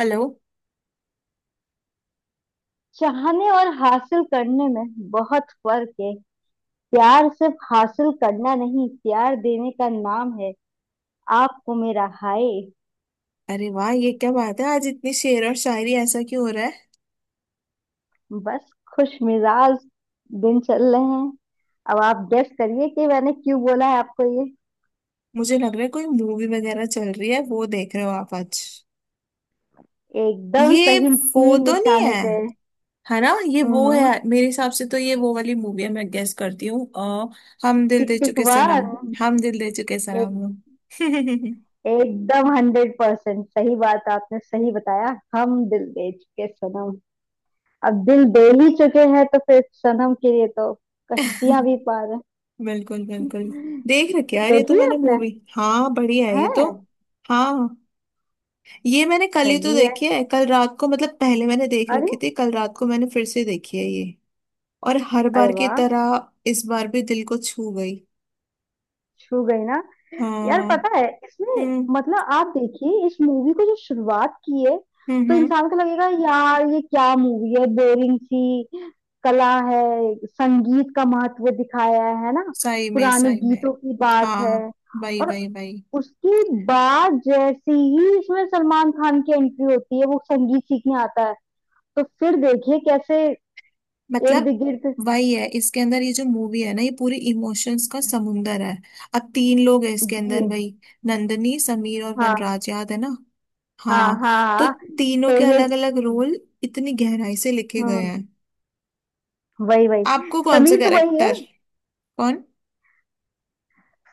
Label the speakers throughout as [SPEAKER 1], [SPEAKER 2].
[SPEAKER 1] Hello.
[SPEAKER 2] चाहने और हासिल करने में बहुत फर्क है। प्यार सिर्फ हासिल करना नहीं, प्यार देने का नाम है। आपको मेरा हाय।
[SPEAKER 1] अरे वाह, ये क्या बात है, आज इतनी शेर और शायरी, ऐसा क्यों हो रहा है?
[SPEAKER 2] बस खुश मिजाज दिन चल रहे हैं। अब आप गेस करिए कि मैंने क्यों बोला है आपको ये।
[SPEAKER 1] मुझे लग रहा है कोई मूवी वगैरह चल रही है, वो देख रहे हो आप आज?
[SPEAKER 2] एकदम
[SPEAKER 1] ये
[SPEAKER 2] सही,
[SPEAKER 1] वो
[SPEAKER 2] तीन
[SPEAKER 1] तो नहीं
[SPEAKER 2] निशाने
[SPEAKER 1] है,
[SPEAKER 2] पे।
[SPEAKER 1] है ना? ये वो है।
[SPEAKER 2] हम्म।
[SPEAKER 1] मेरे हिसाब से तो ये वो वाली मूवी है, मैं गेस करती हूँ, हम दिल
[SPEAKER 2] टिक
[SPEAKER 1] दे
[SPEAKER 2] टिक
[SPEAKER 1] चुके
[SPEAKER 2] वन।
[SPEAKER 1] सनम। हम दिल दे चुके
[SPEAKER 2] एक,
[SPEAKER 1] सनम।
[SPEAKER 2] एकदम हंड्रेड परसेंट सही बात, आपने सही बताया। हम दिल दे चुके सनम। अब दिल बेल ही चुके हैं तो फिर सनम के लिए तो कश्तियां भी पार है।
[SPEAKER 1] बिल्कुल बिल्कुल। देख रखी है यार ये तो
[SPEAKER 2] देखी है
[SPEAKER 1] मैंने
[SPEAKER 2] आपने?
[SPEAKER 1] मूवी। हाँ, बढ़िया है
[SPEAKER 2] है।
[SPEAKER 1] ये तो। हाँ, ये मैंने कल ही तो
[SPEAKER 2] सही है।
[SPEAKER 1] देखी है, कल रात को, मतलब पहले मैंने देख
[SPEAKER 2] अरे।
[SPEAKER 1] रखी थी, कल रात को मैंने फिर से देखी है ये। और हर
[SPEAKER 2] अरे
[SPEAKER 1] बार की
[SPEAKER 2] वाह,
[SPEAKER 1] तरह इस बार भी दिल को छू गई।
[SPEAKER 2] छू गई ना। यार
[SPEAKER 1] हाँ।
[SPEAKER 2] पता है, इसमें
[SPEAKER 1] हम्म।
[SPEAKER 2] मतलब आप देखिए इस मूवी को, जो शुरुआत की है,
[SPEAKER 1] हम्म
[SPEAKER 2] तो
[SPEAKER 1] हम्म,
[SPEAKER 2] इंसान को लगेगा यार ये क्या मूवी है, बोरिंग सी। कला है, संगीत का महत्व दिखाया है ना।
[SPEAKER 1] सही में
[SPEAKER 2] पुराने
[SPEAKER 1] सही में।
[SPEAKER 2] गीतों की बात है।
[SPEAKER 1] हाँ, वही
[SPEAKER 2] और
[SPEAKER 1] वही वही।
[SPEAKER 2] उसकी बाद जैसे ही इसमें सलमान खान की एंट्री होती है, वो संगीत सीखने आता है, तो फिर देखिए कैसे इर्द
[SPEAKER 1] मतलब
[SPEAKER 2] गिर्द।
[SPEAKER 1] वही है इसके अंदर, ये जो मूवी है ना, ये पूरी इमोशंस का समुंदर है। अब तीन लोग हैं इसके अंदर,
[SPEAKER 2] जी।
[SPEAKER 1] वही नंदनी, समीर और
[SPEAKER 2] हाँ
[SPEAKER 1] वनराज, याद है ना?
[SPEAKER 2] हाँ
[SPEAKER 1] हाँ,
[SPEAKER 2] हाँ
[SPEAKER 1] तो
[SPEAKER 2] हाँ। तो
[SPEAKER 1] तीनों के
[SPEAKER 2] ये।
[SPEAKER 1] अलग अलग रोल इतनी गहराई से लिखे गए
[SPEAKER 2] हम्म।
[SPEAKER 1] हैं।
[SPEAKER 2] वही वही।
[SPEAKER 1] आपको कौन सा
[SPEAKER 2] समीर तो वही है।
[SPEAKER 1] कैरेक्टर? कौन?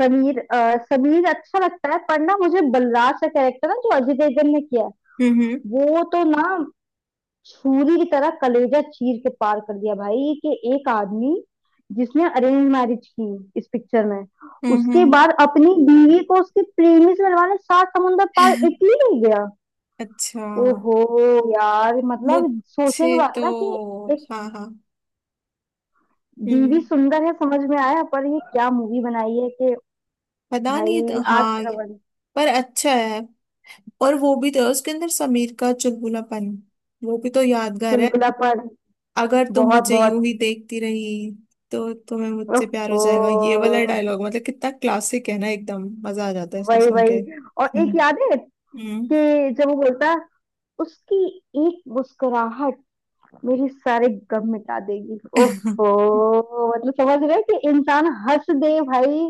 [SPEAKER 2] समीर अच्छा लगता है, पर ना मुझे बलराज का कैरेक्टर ना, जो अजय देवगन ने किया है,
[SPEAKER 1] हम्म।
[SPEAKER 2] वो तो ना छुरी की तरह कलेजा चीर के पार कर दिया भाई। कि एक आदमी जिसने अरेंज मैरिज की इस पिक्चर में,
[SPEAKER 1] हम्म।
[SPEAKER 2] उसके
[SPEAKER 1] हम्म।
[SPEAKER 2] बाद अपनी बीवी को उसके प्रेमी से मिलवाने सात समुंदर पार इटली ले गया।
[SPEAKER 1] अच्छा।
[SPEAKER 2] ओहो यार, मतलब सोचने की
[SPEAKER 1] मुझसे
[SPEAKER 2] बात है ना कि
[SPEAKER 1] तो
[SPEAKER 2] एक
[SPEAKER 1] हाँ हाँ।
[SPEAKER 2] बीवी
[SPEAKER 1] हम्म।
[SPEAKER 2] सुंदर है समझ में आया, पर ये क्या मूवी बनाई है कि
[SPEAKER 1] पता नहीं,
[SPEAKER 2] भाई
[SPEAKER 1] तो
[SPEAKER 2] आज
[SPEAKER 1] हाँ।
[SPEAKER 2] का रवन।
[SPEAKER 1] पर अच्छा है। और वो भी तो, उसके अंदर समीर का चुलबुलापन, वो भी तो यादगार है।
[SPEAKER 2] चुलबुलापन
[SPEAKER 1] अगर तुम
[SPEAKER 2] बहुत
[SPEAKER 1] मुझे यूं
[SPEAKER 2] बहुत।
[SPEAKER 1] ही देखती रही तो तुम्हें मुझसे प्यार हो
[SPEAKER 2] ओहो।
[SPEAKER 1] जाएगा, ये वाला डायलॉग मतलब कितना क्लासिक है ना, एकदम मजा आ जाता है इसको
[SPEAKER 2] वही
[SPEAKER 1] सुन के।
[SPEAKER 2] वही। और
[SPEAKER 1] हम्म।
[SPEAKER 2] एक याद है,
[SPEAKER 1] हम्म।
[SPEAKER 2] कि जब वो बोलता है उसकी एक मुस्कुराहट मेरे सारे गम मिटा देगी। ओफो, मतलब समझ रहे हैं कि इंसान हंस दे भाई।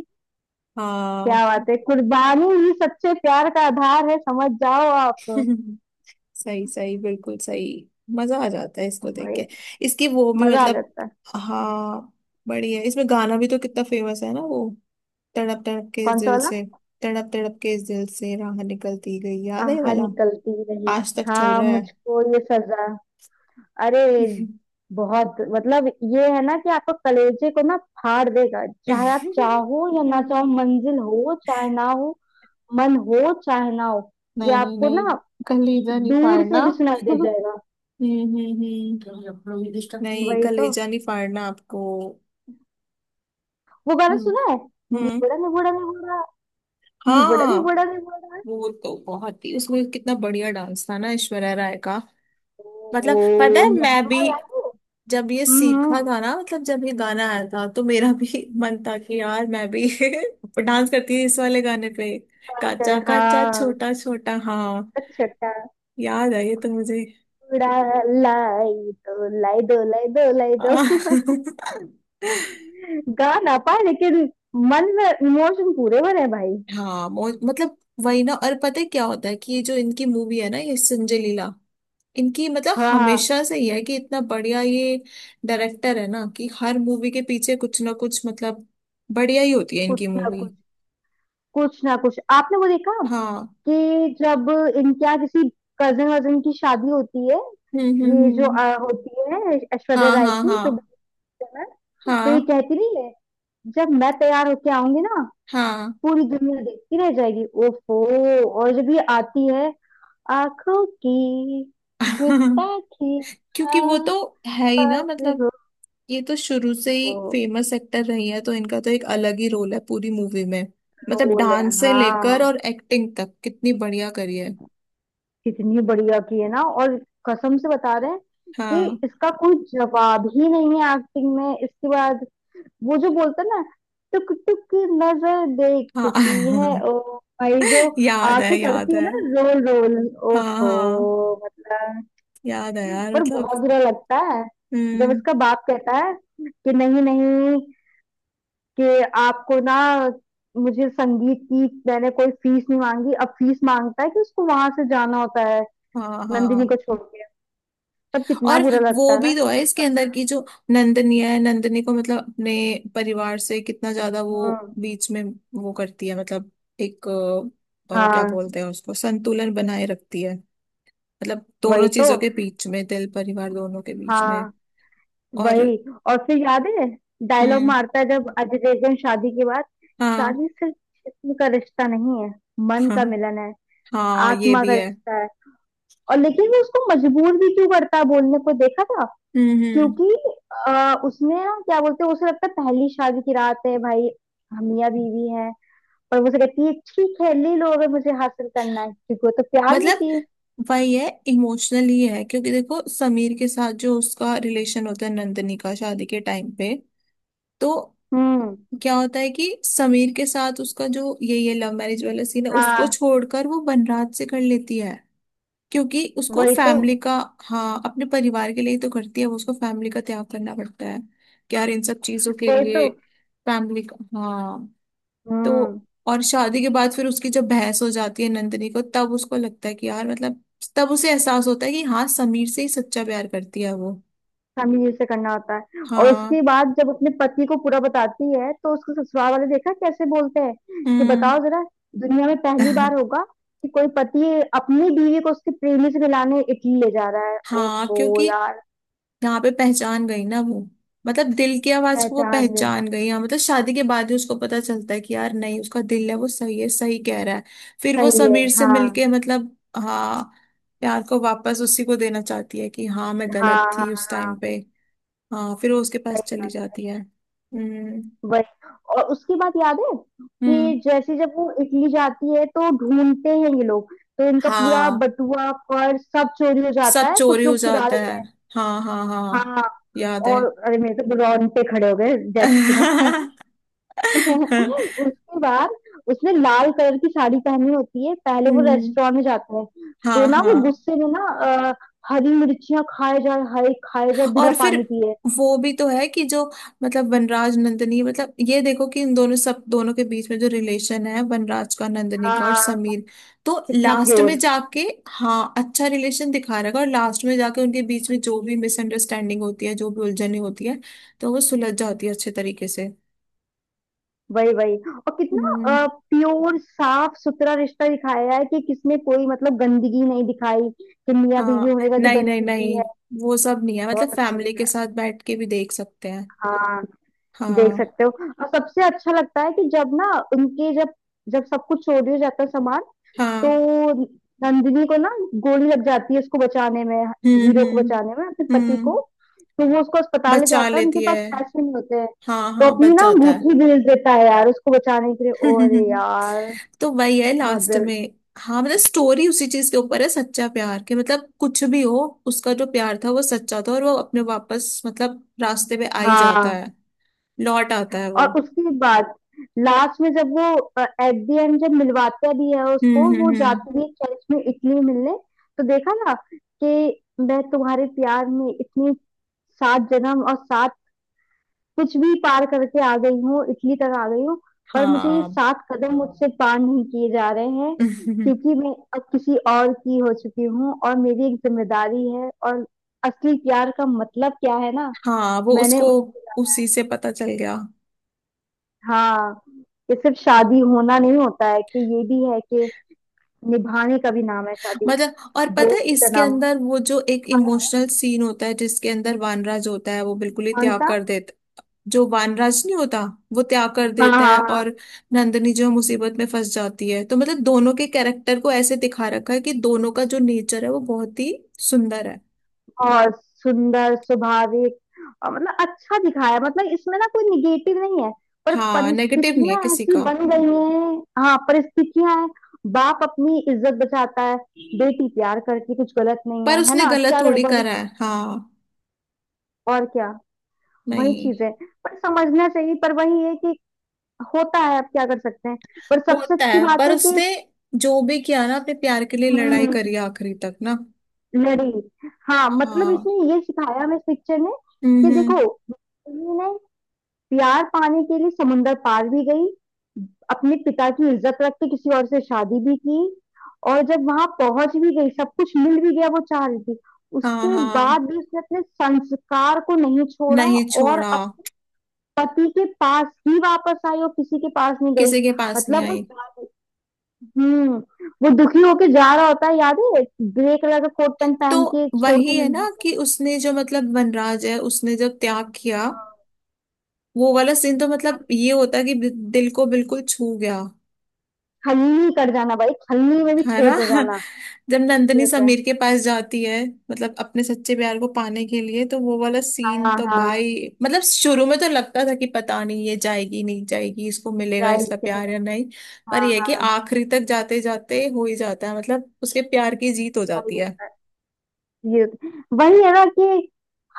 [SPEAKER 2] क्या
[SPEAKER 1] हाँ।
[SPEAKER 2] बात है, कुर्बानी ही सच्चे प्यार का आधार है, समझ जाओ आप।
[SPEAKER 1] सही सही, बिल्कुल सही। मजा आ जाता है इसको देख
[SPEAKER 2] भाई,
[SPEAKER 1] के। इसकी वो भी
[SPEAKER 2] मजा आ
[SPEAKER 1] मतलब,
[SPEAKER 2] जाता है।
[SPEAKER 1] हाँ बढ़िया है। इसमें गाना भी तो कितना फेमस है ना वो, तड़प तड़प के इस
[SPEAKER 2] कौन सा
[SPEAKER 1] दिल
[SPEAKER 2] वाला?
[SPEAKER 1] से। तड़प तड़प के इस दिल से राह निकलती गई, याद है ये
[SPEAKER 2] आहा,
[SPEAKER 1] वाला?
[SPEAKER 2] निकलती रही।
[SPEAKER 1] आज तक चल
[SPEAKER 2] हाँ,
[SPEAKER 1] रहा है।
[SPEAKER 2] मुझको ये सजा। अरे। बहुत मतलब। ये है ना कि आपको कलेजे को ना फाड़ देगा, चाहे आप चाहो या ना चाहो,
[SPEAKER 1] हम्म,
[SPEAKER 2] मंजिल हो चाहे ना हो, मन हो चाहे ना हो, ये
[SPEAKER 1] नहीं नहीं
[SPEAKER 2] आपको
[SPEAKER 1] नहीं,
[SPEAKER 2] ना
[SPEAKER 1] कलीजा नहीं
[SPEAKER 2] दूर
[SPEAKER 1] फाड़ना।
[SPEAKER 2] से भी सुनाई दे जाएगा।
[SPEAKER 1] हम्म, नहीं
[SPEAKER 2] वही तो।
[SPEAKER 1] कलेजा नहीं फाड़ना आपको।
[SPEAKER 2] वो गाना
[SPEAKER 1] हम्म।
[SPEAKER 2] सुना है,
[SPEAKER 1] हम्म।
[SPEAKER 2] निबड़ा निबड़ा निबड़ा, निबड़ा
[SPEAKER 1] हाँ,
[SPEAKER 2] निबड़ा निबड़ा।
[SPEAKER 1] वो तो बहुत ही, उसमें कितना बढ़िया डांस था ना ऐश्वर्या राय का। मतलब पता
[SPEAKER 2] ओ,
[SPEAKER 1] है, मैं भी
[SPEAKER 2] लहंगा याद है?
[SPEAKER 1] जब ये
[SPEAKER 2] हम्म।
[SPEAKER 1] सीखा था ना, मतलब जब ये गाना आया था तो मेरा भी मन था कि यार मैं भी डांस करती थी इस वाले गाने पे। काचा
[SPEAKER 2] हम्म।
[SPEAKER 1] काचा
[SPEAKER 2] हाँ।
[SPEAKER 1] छोटा छोटा, हाँ
[SPEAKER 2] अच्छा।
[SPEAKER 1] याद है ये तो मुझे।
[SPEAKER 2] उड़ा लाई दो, लाई दो, लाई दो, लाई दो।
[SPEAKER 1] आ,
[SPEAKER 2] गा ना पाए लेकिन मन में इमोशन पूरे भरे हैं भाई।
[SPEAKER 1] हाँ मतलब वही ना। और पता है क्या होता है कि ये जो इनकी मूवी है ना, ये संजय लीला, इनकी मतलब
[SPEAKER 2] हाँ हाँ।
[SPEAKER 1] हमेशा से ही है कि इतना बढ़िया ये डायरेक्टर है ना, कि हर मूवी के पीछे कुछ ना कुछ मतलब बढ़िया ही होती है इनकी
[SPEAKER 2] कुछ ना
[SPEAKER 1] मूवी।
[SPEAKER 2] कुछ। कुछ ना कुछ आपने वो देखा
[SPEAKER 1] हाँ।
[SPEAKER 2] कि जब इनके यहाँ किसी कजन वजन की शादी होती है, ये जो
[SPEAKER 1] हम्म।
[SPEAKER 2] होती है ऐश्वर्या
[SPEAKER 1] हाँ
[SPEAKER 2] राय
[SPEAKER 1] हाँ
[SPEAKER 2] की,
[SPEAKER 1] हाँ।
[SPEAKER 2] जो बच्चन है, तो
[SPEAKER 1] हाँ।
[SPEAKER 2] ये कहती नहीं है, जब मैं तैयार होके आऊंगी ना
[SPEAKER 1] हाँ।
[SPEAKER 2] पूरी दुनिया देखती रह जाएगी। ओफो, और जब ये आती है, आंखों की गुस्ताखी,
[SPEAKER 1] क्योंकि वो तो
[SPEAKER 2] आस
[SPEAKER 1] है ही ना,
[SPEAKER 2] पास
[SPEAKER 1] मतलब
[SPEAKER 2] हो।
[SPEAKER 1] ये तो शुरू से ही
[SPEAKER 2] ओ,
[SPEAKER 1] फेमस एक्टर रही है, तो इनका तो एक अलग ही रोल है पूरी मूवी में। मतलब
[SPEAKER 2] रोल है
[SPEAKER 1] डांस से लेकर
[SPEAKER 2] हाँ।
[SPEAKER 1] और एक्टिंग तक कितनी बढ़िया करी है।
[SPEAKER 2] कितनी बढ़िया की है ना। और कसम से बता रहे हैं कि
[SPEAKER 1] हाँ
[SPEAKER 2] इसका कोई जवाब ही नहीं है एक्टिंग में। इसके बाद वो जो बोलता है ना, टुक टुक की नजर
[SPEAKER 1] हाँ।
[SPEAKER 2] देखती है। ओ भाई, जो
[SPEAKER 1] याद
[SPEAKER 2] आंखें
[SPEAKER 1] है याद
[SPEAKER 2] करती है
[SPEAKER 1] है।
[SPEAKER 2] ना, रोल रोल।
[SPEAKER 1] हाँ
[SPEAKER 2] ओहो,
[SPEAKER 1] हाँ।
[SPEAKER 2] मतलब।
[SPEAKER 1] याद है यार
[SPEAKER 2] पर
[SPEAKER 1] मतलब।
[SPEAKER 2] बहुत बुरा लगता है, जब
[SPEAKER 1] हम्म।
[SPEAKER 2] इसका बाप कहता है कि नहीं नहीं, कि आपको ना, मुझे संगीत की मैंने कोई फीस नहीं मांगी, अब फीस मांगता है, कि उसको वहां से जाना होता है,
[SPEAKER 1] हाँ
[SPEAKER 2] नंदिनी को
[SPEAKER 1] हाँ।
[SPEAKER 2] छोड़ के। तब कितना
[SPEAKER 1] और
[SPEAKER 2] बुरा लगता
[SPEAKER 1] वो
[SPEAKER 2] है ना।
[SPEAKER 1] भी तो है इसके अंदर की जो नंदनी है, नंदनी को मतलब अपने परिवार से कितना ज्यादा वो,
[SPEAKER 2] हम्म।
[SPEAKER 1] बीच में वो करती है मतलब एक, क्या
[SPEAKER 2] हाँ।
[SPEAKER 1] बोलते हैं उसको, संतुलन बनाए रखती है। मतलब दोनों
[SPEAKER 2] वही तो।
[SPEAKER 1] चीजों के बीच में, दिल, परिवार दोनों के बीच में।
[SPEAKER 2] हाँ।
[SPEAKER 1] और
[SPEAKER 2] वही। और फिर याद है डायलॉग
[SPEAKER 1] हम्म।
[SPEAKER 2] मारता है जब अजय देवगन शादी के बाद,
[SPEAKER 1] हाँ।
[SPEAKER 2] शादी सिर्फ जिस्म का रिश्ता नहीं है, मन
[SPEAKER 1] हाँ,
[SPEAKER 2] का मिलन है,
[SPEAKER 1] हाँ ये
[SPEAKER 2] आत्मा
[SPEAKER 1] भी
[SPEAKER 2] का
[SPEAKER 1] है।
[SPEAKER 2] रिश्ता है। और लेकिन वो उसको मजबूर भी क्यों करता है बोलने को, देखा था?
[SPEAKER 1] हम्म।
[SPEAKER 2] क्योंकि उसने ना, क्या बोलते हैं, उसे लगता है पहली शादी की रात है भाई, हम मियां बीवी हैं। पर वो उसे कहती है ठीक है ले लो, अगर मुझे हासिल करना है, क्योंकि वो तो प्यार में
[SPEAKER 1] मतलब
[SPEAKER 2] थी।
[SPEAKER 1] वही है, इमोशनल ही है, क्योंकि देखो समीर के साथ जो उसका रिलेशन होता है, नंदनी का शादी के टाइम पे, तो
[SPEAKER 2] हम्म।
[SPEAKER 1] क्या होता है कि समीर के साथ उसका जो ये लव मैरिज वाला सीन है, उसको
[SPEAKER 2] हाँ।
[SPEAKER 1] छोड़कर वो बनराज से कर लेती है। क्योंकि उसको
[SPEAKER 2] वही तो।
[SPEAKER 1] फैमिली का, हाँ अपने परिवार के लिए ही तो करती है वो, उसको फैमिली का त्याग करना पड़ता है कि यार इन सब चीजों के
[SPEAKER 2] वही
[SPEAKER 1] लिए
[SPEAKER 2] तो।
[SPEAKER 1] फैमिली का, हाँ।
[SPEAKER 2] हम्म।
[SPEAKER 1] तो और शादी के बाद फिर उसकी जब बहस हो जाती है नंदिनी को, तब उसको लगता है कि यार मतलब, तब उसे एहसास होता है कि हाँ समीर से ही सच्चा प्यार करती है वो।
[SPEAKER 2] हमें ये से करना होता है, और उसके
[SPEAKER 1] हाँ।
[SPEAKER 2] बाद जब अपने पति को पूरा बताती है तो उसको ससुराल वाले, देखा कैसे बोलते हैं, कि
[SPEAKER 1] हम्म।
[SPEAKER 2] बताओ जरा, दुनिया में पहली बार होगा कि कोई पति अपनी बीवी को उसके प्रेमी से मिलाने इटली ले जा रहा है।
[SPEAKER 1] हाँ,
[SPEAKER 2] ओफो
[SPEAKER 1] क्योंकि
[SPEAKER 2] यार।
[SPEAKER 1] यहाँ पे पहचान गई ना वो, मतलब दिल की आवाज को वो
[SPEAKER 2] पहचान ले।
[SPEAKER 1] पहचान गई, हाँ मतलब शादी के बाद ही उसको पता चलता है कि यार नहीं, उसका दिल है वो सही है, सही कह रहा है। फिर वो
[SPEAKER 2] सही है।
[SPEAKER 1] समीर से
[SPEAKER 2] हाँ
[SPEAKER 1] मिलके मतलब, हाँ प्यार को वापस उसी को देना चाहती है कि हाँ मैं
[SPEAKER 2] हाँ
[SPEAKER 1] गलत
[SPEAKER 2] हाँ।
[SPEAKER 1] थी उस टाइम
[SPEAKER 2] हाँ।
[SPEAKER 1] पे। हाँ, फिर वो उसके पास
[SPEAKER 2] सही।
[SPEAKER 1] चली जाती है। हम्म।
[SPEAKER 2] वही। और उसके बाद याद है
[SPEAKER 1] हम्म।
[SPEAKER 2] कि जैसे जब वो इटली जाती है तो ढूंढते हैं ये लोग, तो इनका पूरा
[SPEAKER 1] हाँ,
[SPEAKER 2] बटुआ पर्स सब चोरी हो
[SPEAKER 1] सब
[SPEAKER 2] जाता है,
[SPEAKER 1] चोरी
[SPEAKER 2] कुछ
[SPEAKER 1] हो
[SPEAKER 2] लोग चुरा
[SPEAKER 1] जाता
[SPEAKER 2] लेते
[SPEAKER 1] है।
[SPEAKER 2] हैं।
[SPEAKER 1] हाँ हाँ हाँ,
[SPEAKER 2] हाँ।
[SPEAKER 1] याद है।
[SPEAKER 2] और अरे मेरे तो रोंगटे खड़े हो गए जैसे सुना
[SPEAKER 1] हम्म।
[SPEAKER 2] उसके बाद उसने लाल कलर की साड़ी पहनी होती है, पहले वो रेस्टोरेंट में जाता है, तो
[SPEAKER 1] हाँ
[SPEAKER 2] ना वो
[SPEAKER 1] हाँ।
[SPEAKER 2] गुस्से में ना अ, हरी मिर्चियां खाए जाए, हरी खाए जाए बिना
[SPEAKER 1] और
[SPEAKER 2] पानी
[SPEAKER 1] फिर
[SPEAKER 2] पिए।
[SPEAKER 1] वो भी तो है कि जो मतलब वनराज, नंदिनी, मतलब ये देखो कि इन दोनों, सब दोनों के बीच में जो रिलेशन है, वनराज का, नंदिनी का और
[SPEAKER 2] हाँ।
[SPEAKER 1] समीर, तो
[SPEAKER 2] कितना
[SPEAKER 1] लास्ट में
[SPEAKER 2] प्योर।
[SPEAKER 1] जाके हाँ अच्छा रिलेशन दिखा रहेगा। और लास्ट में जाके उनके बीच में जो भी मिसअंडरस्टैंडिंग होती है, जो भी उलझने होती है, तो वो सुलझ जाती है अच्छे तरीके से।
[SPEAKER 2] वही वही। और
[SPEAKER 1] हम्म।
[SPEAKER 2] कितना प्योर साफ सुथरा रिश्ता दिखाया है, कि किसमें कोई मतलब गंदगी नहीं दिखाई, कि मियाँ बीवी
[SPEAKER 1] हाँ
[SPEAKER 2] होने का भी
[SPEAKER 1] नहीं नहीं
[SPEAKER 2] गंदगी
[SPEAKER 1] नहीं,
[SPEAKER 2] है।
[SPEAKER 1] वो सब नहीं है, मतलब
[SPEAKER 2] बहुत अच्छा
[SPEAKER 1] फैमिली के
[SPEAKER 2] दिखाया।
[SPEAKER 1] साथ बैठ के भी देख सकते हैं।
[SPEAKER 2] हाँ। देख
[SPEAKER 1] हाँ।
[SPEAKER 2] सकते हो। और सबसे अच्छा लगता है कि जब ना उनके, जब जब सब कुछ चोरी हो जाता है सामान, तो
[SPEAKER 1] हाँ।
[SPEAKER 2] नंदिनी को ना गोली लग जाती है उसको बचाने में,
[SPEAKER 1] हम्म
[SPEAKER 2] हीरो को
[SPEAKER 1] हम्म
[SPEAKER 2] बचाने में, अपने पति को।
[SPEAKER 1] हम्म।
[SPEAKER 2] तो वो उसको अस्पताल ले
[SPEAKER 1] बचा
[SPEAKER 2] जाता है, उनके
[SPEAKER 1] लेती
[SPEAKER 2] पास
[SPEAKER 1] है।
[SPEAKER 2] पैसे नहीं होते हैं,
[SPEAKER 1] हाँ
[SPEAKER 2] तो
[SPEAKER 1] हाँ
[SPEAKER 2] अपनी
[SPEAKER 1] बच
[SPEAKER 2] ना
[SPEAKER 1] जाता है।
[SPEAKER 2] अंगूठी बेच देता है यार उसको बचाने के लिए, और यार
[SPEAKER 1] तो वही है
[SPEAKER 2] बहुत।
[SPEAKER 1] लास्ट में। हाँ मतलब स्टोरी उसी चीज के ऊपर है, सच्चा प्यार के, मतलब कुछ भी हो उसका जो प्यार था वो सच्चा था, और वो अपने वापस मतलब रास्ते पे आ ही जाता
[SPEAKER 2] हाँ।
[SPEAKER 1] है, लौट आता है वो।
[SPEAKER 2] और उसके बाद लास्ट में जब वो, एट द एंड जब मिलवाता भी है उसको, वो
[SPEAKER 1] हम्म।
[SPEAKER 2] जाती भी है चर्च में इटली मिलने। तो देखा ना कि मैं तुम्हारे प्यार में इतनी सात जन्म और सात कुछ भी पार करके आ गई हूँ, इटली तक आ गई हूँ, पर मुझे ये
[SPEAKER 1] हाँ।
[SPEAKER 2] सात कदम मुझसे पार नहीं किए जा रहे हैं, क्योंकि मैं अब किसी और की हो चुकी हूँ, और मेरी एक जिम्मेदारी है, और असली प्यार का मतलब क्या है ना।
[SPEAKER 1] हाँ वो
[SPEAKER 2] मैंने।
[SPEAKER 1] उसको, उसी से पता चल गया।
[SPEAKER 2] हाँ। कि सिर्फ शादी होना नहीं होता है, कि ये भी है कि निभाने का भी नाम है शादी,
[SPEAKER 1] मतलब और पता है
[SPEAKER 2] दोस्ती का
[SPEAKER 1] इसके
[SPEAKER 2] नाम।
[SPEAKER 1] अंदर वो जो एक
[SPEAKER 2] हाँ।
[SPEAKER 1] इमोशनल सीन होता है जिसके अंदर वानराज होता है, वो बिल्कुल ही
[SPEAKER 2] कौन
[SPEAKER 1] त्याग
[SPEAKER 2] सा?
[SPEAKER 1] कर देता है, जो वानराज नहीं होता, वो त्याग कर
[SPEAKER 2] हाँ हाँ
[SPEAKER 1] देता है।
[SPEAKER 2] हाँ।
[SPEAKER 1] और नंदनी जो है मुसीबत में फंस जाती है, तो मतलब दोनों के कैरेक्टर को ऐसे दिखा रखा है कि दोनों का जो नेचर है वो बहुत ही सुंदर है।
[SPEAKER 2] और सुंदर, स्वाभाविक, और मतलब अच्छा दिखाया है। मतलब इसमें ना कोई निगेटिव नहीं है, पर
[SPEAKER 1] हाँ, नेगेटिव नहीं है
[SPEAKER 2] परिस्थितियां
[SPEAKER 1] किसी का,
[SPEAKER 2] ऐसी बन गई हैं। हाँ, परिस्थितियां हैं। बाप अपनी इज्जत बचाता है, बेटी प्यार करती, कुछ गलत नहीं
[SPEAKER 1] पर
[SPEAKER 2] है, है
[SPEAKER 1] उसने
[SPEAKER 2] ना?
[SPEAKER 1] गलत
[SPEAKER 2] क्या
[SPEAKER 1] थोड़ी
[SPEAKER 2] गड़बड़ है?
[SPEAKER 1] करा है। हाँ
[SPEAKER 2] और क्या। वही
[SPEAKER 1] नहीं।
[SPEAKER 2] चीज है। पर समझना चाहिए, पर वही है कि होता है, अब क्या कर सकते हैं। पर सबसे
[SPEAKER 1] होता
[SPEAKER 2] अच्छी
[SPEAKER 1] है,
[SPEAKER 2] बात
[SPEAKER 1] पर
[SPEAKER 2] है कि।
[SPEAKER 1] उसने जो भी किया ना अपने प्यार के लिए लड़ाई करी
[SPEAKER 2] हम्म।
[SPEAKER 1] है आखिरी तक ना।
[SPEAKER 2] लड़ी। हाँ, मतलब
[SPEAKER 1] हाँ।
[SPEAKER 2] इसने ये सिखाया हमें इस पिक्चर ने,
[SPEAKER 1] हम्म
[SPEAKER 2] कि देखो
[SPEAKER 1] हम्म,
[SPEAKER 2] पत्नी ने प्यार पाने के लिए समुंदर पार भी गई, अपने पिता की इज्जत रख के किसी और से शादी भी की, और जब वहां पहुंच भी गई सब कुछ मिल भी गया वो चाह रही थी,
[SPEAKER 1] हाँ
[SPEAKER 2] उसके
[SPEAKER 1] हाँ
[SPEAKER 2] बाद भी उसने अपने संस्कार को नहीं छोड़ा।
[SPEAKER 1] नहीं
[SPEAKER 2] और
[SPEAKER 1] छोड़ा।
[SPEAKER 2] अब पति के पास ही वापस आई और किसी के पास नहीं गई।
[SPEAKER 1] किसी के पास नहीं
[SPEAKER 2] मतलब वो।
[SPEAKER 1] आई।
[SPEAKER 2] हम्म। वो दुखी होके जा रहा होता है याद है, ग्रे कलर का कोट पैंट
[SPEAKER 1] तो
[SPEAKER 2] पहन के, छोड़ के
[SPEAKER 1] वही है
[SPEAKER 2] नंदी
[SPEAKER 1] ना
[SPEAKER 2] को।
[SPEAKER 1] कि उसने जो, मतलब वनराज है उसने जब त्याग किया, वो वाला सीन तो मतलब ये होता कि दिल को बिल्कुल छू गया,
[SPEAKER 2] खल्ली कर जाना भाई, खल्ली में भी
[SPEAKER 1] है ना?
[SPEAKER 2] छेद हो जाना।
[SPEAKER 1] जब नंदनी
[SPEAKER 2] Yes, है।
[SPEAKER 1] समीर के पास जाती है मतलब अपने सच्चे प्यार को पाने के लिए, तो वो वाला सीन
[SPEAKER 2] हाँ
[SPEAKER 1] तो
[SPEAKER 2] हाँ।
[SPEAKER 1] भाई, मतलब शुरू में तो लगता था कि पता नहीं ये जाएगी नहीं जाएगी, इसको मिलेगा इसका
[SPEAKER 2] राइट।
[SPEAKER 1] प्यार या नहीं, पर
[SPEAKER 2] हाँ
[SPEAKER 1] ये है कि
[SPEAKER 2] हाँ।
[SPEAKER 1] आखिरी तक जाते जाते हो ही जाता है, मतलब उसके प्यार की जीत हो
[SPEAKER 2] हो
[SPEAKER 1] जाती है।
[SPEAKER 2] जाता है। ये वही है ना, कि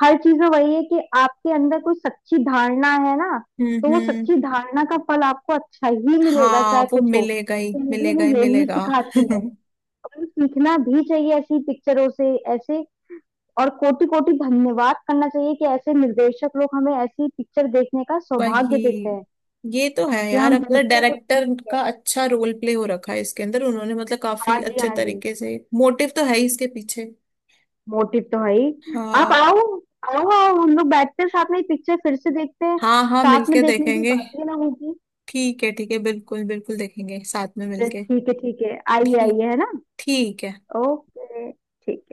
[SPEAKER 2] हर चीज में वही है कि आपके अंदर कोई सच्ची धारणा है ना, तो वो
[SPEAKER 1] हम्म।
[SPEAKER 2] सच्ची धारणा का फल आपको अच्छा ही मिलेगा,
[SPEAKER 1] हाँ
[SPEAKER 2] चाहे
[SPEAKER 1] वो
[SPEAKER 2] कुछ हो।
[SPEAKER 1] मिलेगा ही,
[SPEAKER 2] तो मूवी
[SPEAKER 1] मिलेगा ही,
[SPEAKER 2] हमें यही
[SPEAKER 1] मिलेगा।
[SPEAKER 2] सिखाती है। और हमें सीखना भी चाहिए ऐसी पिक्चरों से ऐसे, और कोटि कोटि धन्यवाद करना चाहिए कि ऐसे निर्देशक लोग हमें ऐसी पिक्चर देखने का
[SPEAKER 1] वही,
[SPEAKER 2] सौभाग्य देते हैं,
[SPEAKER 1] ये तो है
[SPEAKER 2] कि
[SPEAKER 1] यार
[SPEAKER 2] हम
[SPEAKER 1] अपना
[SPEAKER 2] देखते हैं कुछ
[SPEAKER 1] डायरेक्टर
[SPEAKER 2] सीखते हैं।
[SPEAKER 1] का अच्छा रोल प्ले हो रखा है इसके अंदर, उन्होंने मतलब
[SPEAKER 2] हाँ
[SPEAKER 1] काफी
[SPEAKER 2] जी,
[SPEAKER 1] अच्छे
[SPEAKER 2] हाँ जी।
[SPEAKER 1] तरीके से, मोटिव तो है ही इसके पीछे।
[SPEAKER 2] मोटिव तो है ही। आप
[SPEAKER 1] हाँ
[SPEAKER 2] आओ, आओ आओ, हम लोग बैठते हैं साथ में पिक्चर फिर से देखते हैं।
[SPEAKER 1] हाँ, हाँ
[SPEAKER 2] साथ में
[SPEAKER 1] मिलके
[SPEAKER 2] देखने की
[SPEAKER 1] देखेंगे।
[SPEAKER 2] बात ही ना होगी।
[SPEAKER 1] ठीक है ठीक है, बिल्कुल बिल्कुल देखेंगे साथ में मिलके।
[SPEAKER 2] ठीक है ठीक है, आइए
[SPEAKER 1] ठीक,
[SPEAKER 2] आइए, है ना?
[SPEAKER 1] ठीक है।
[SPEAKER 2] ओके। ठीक।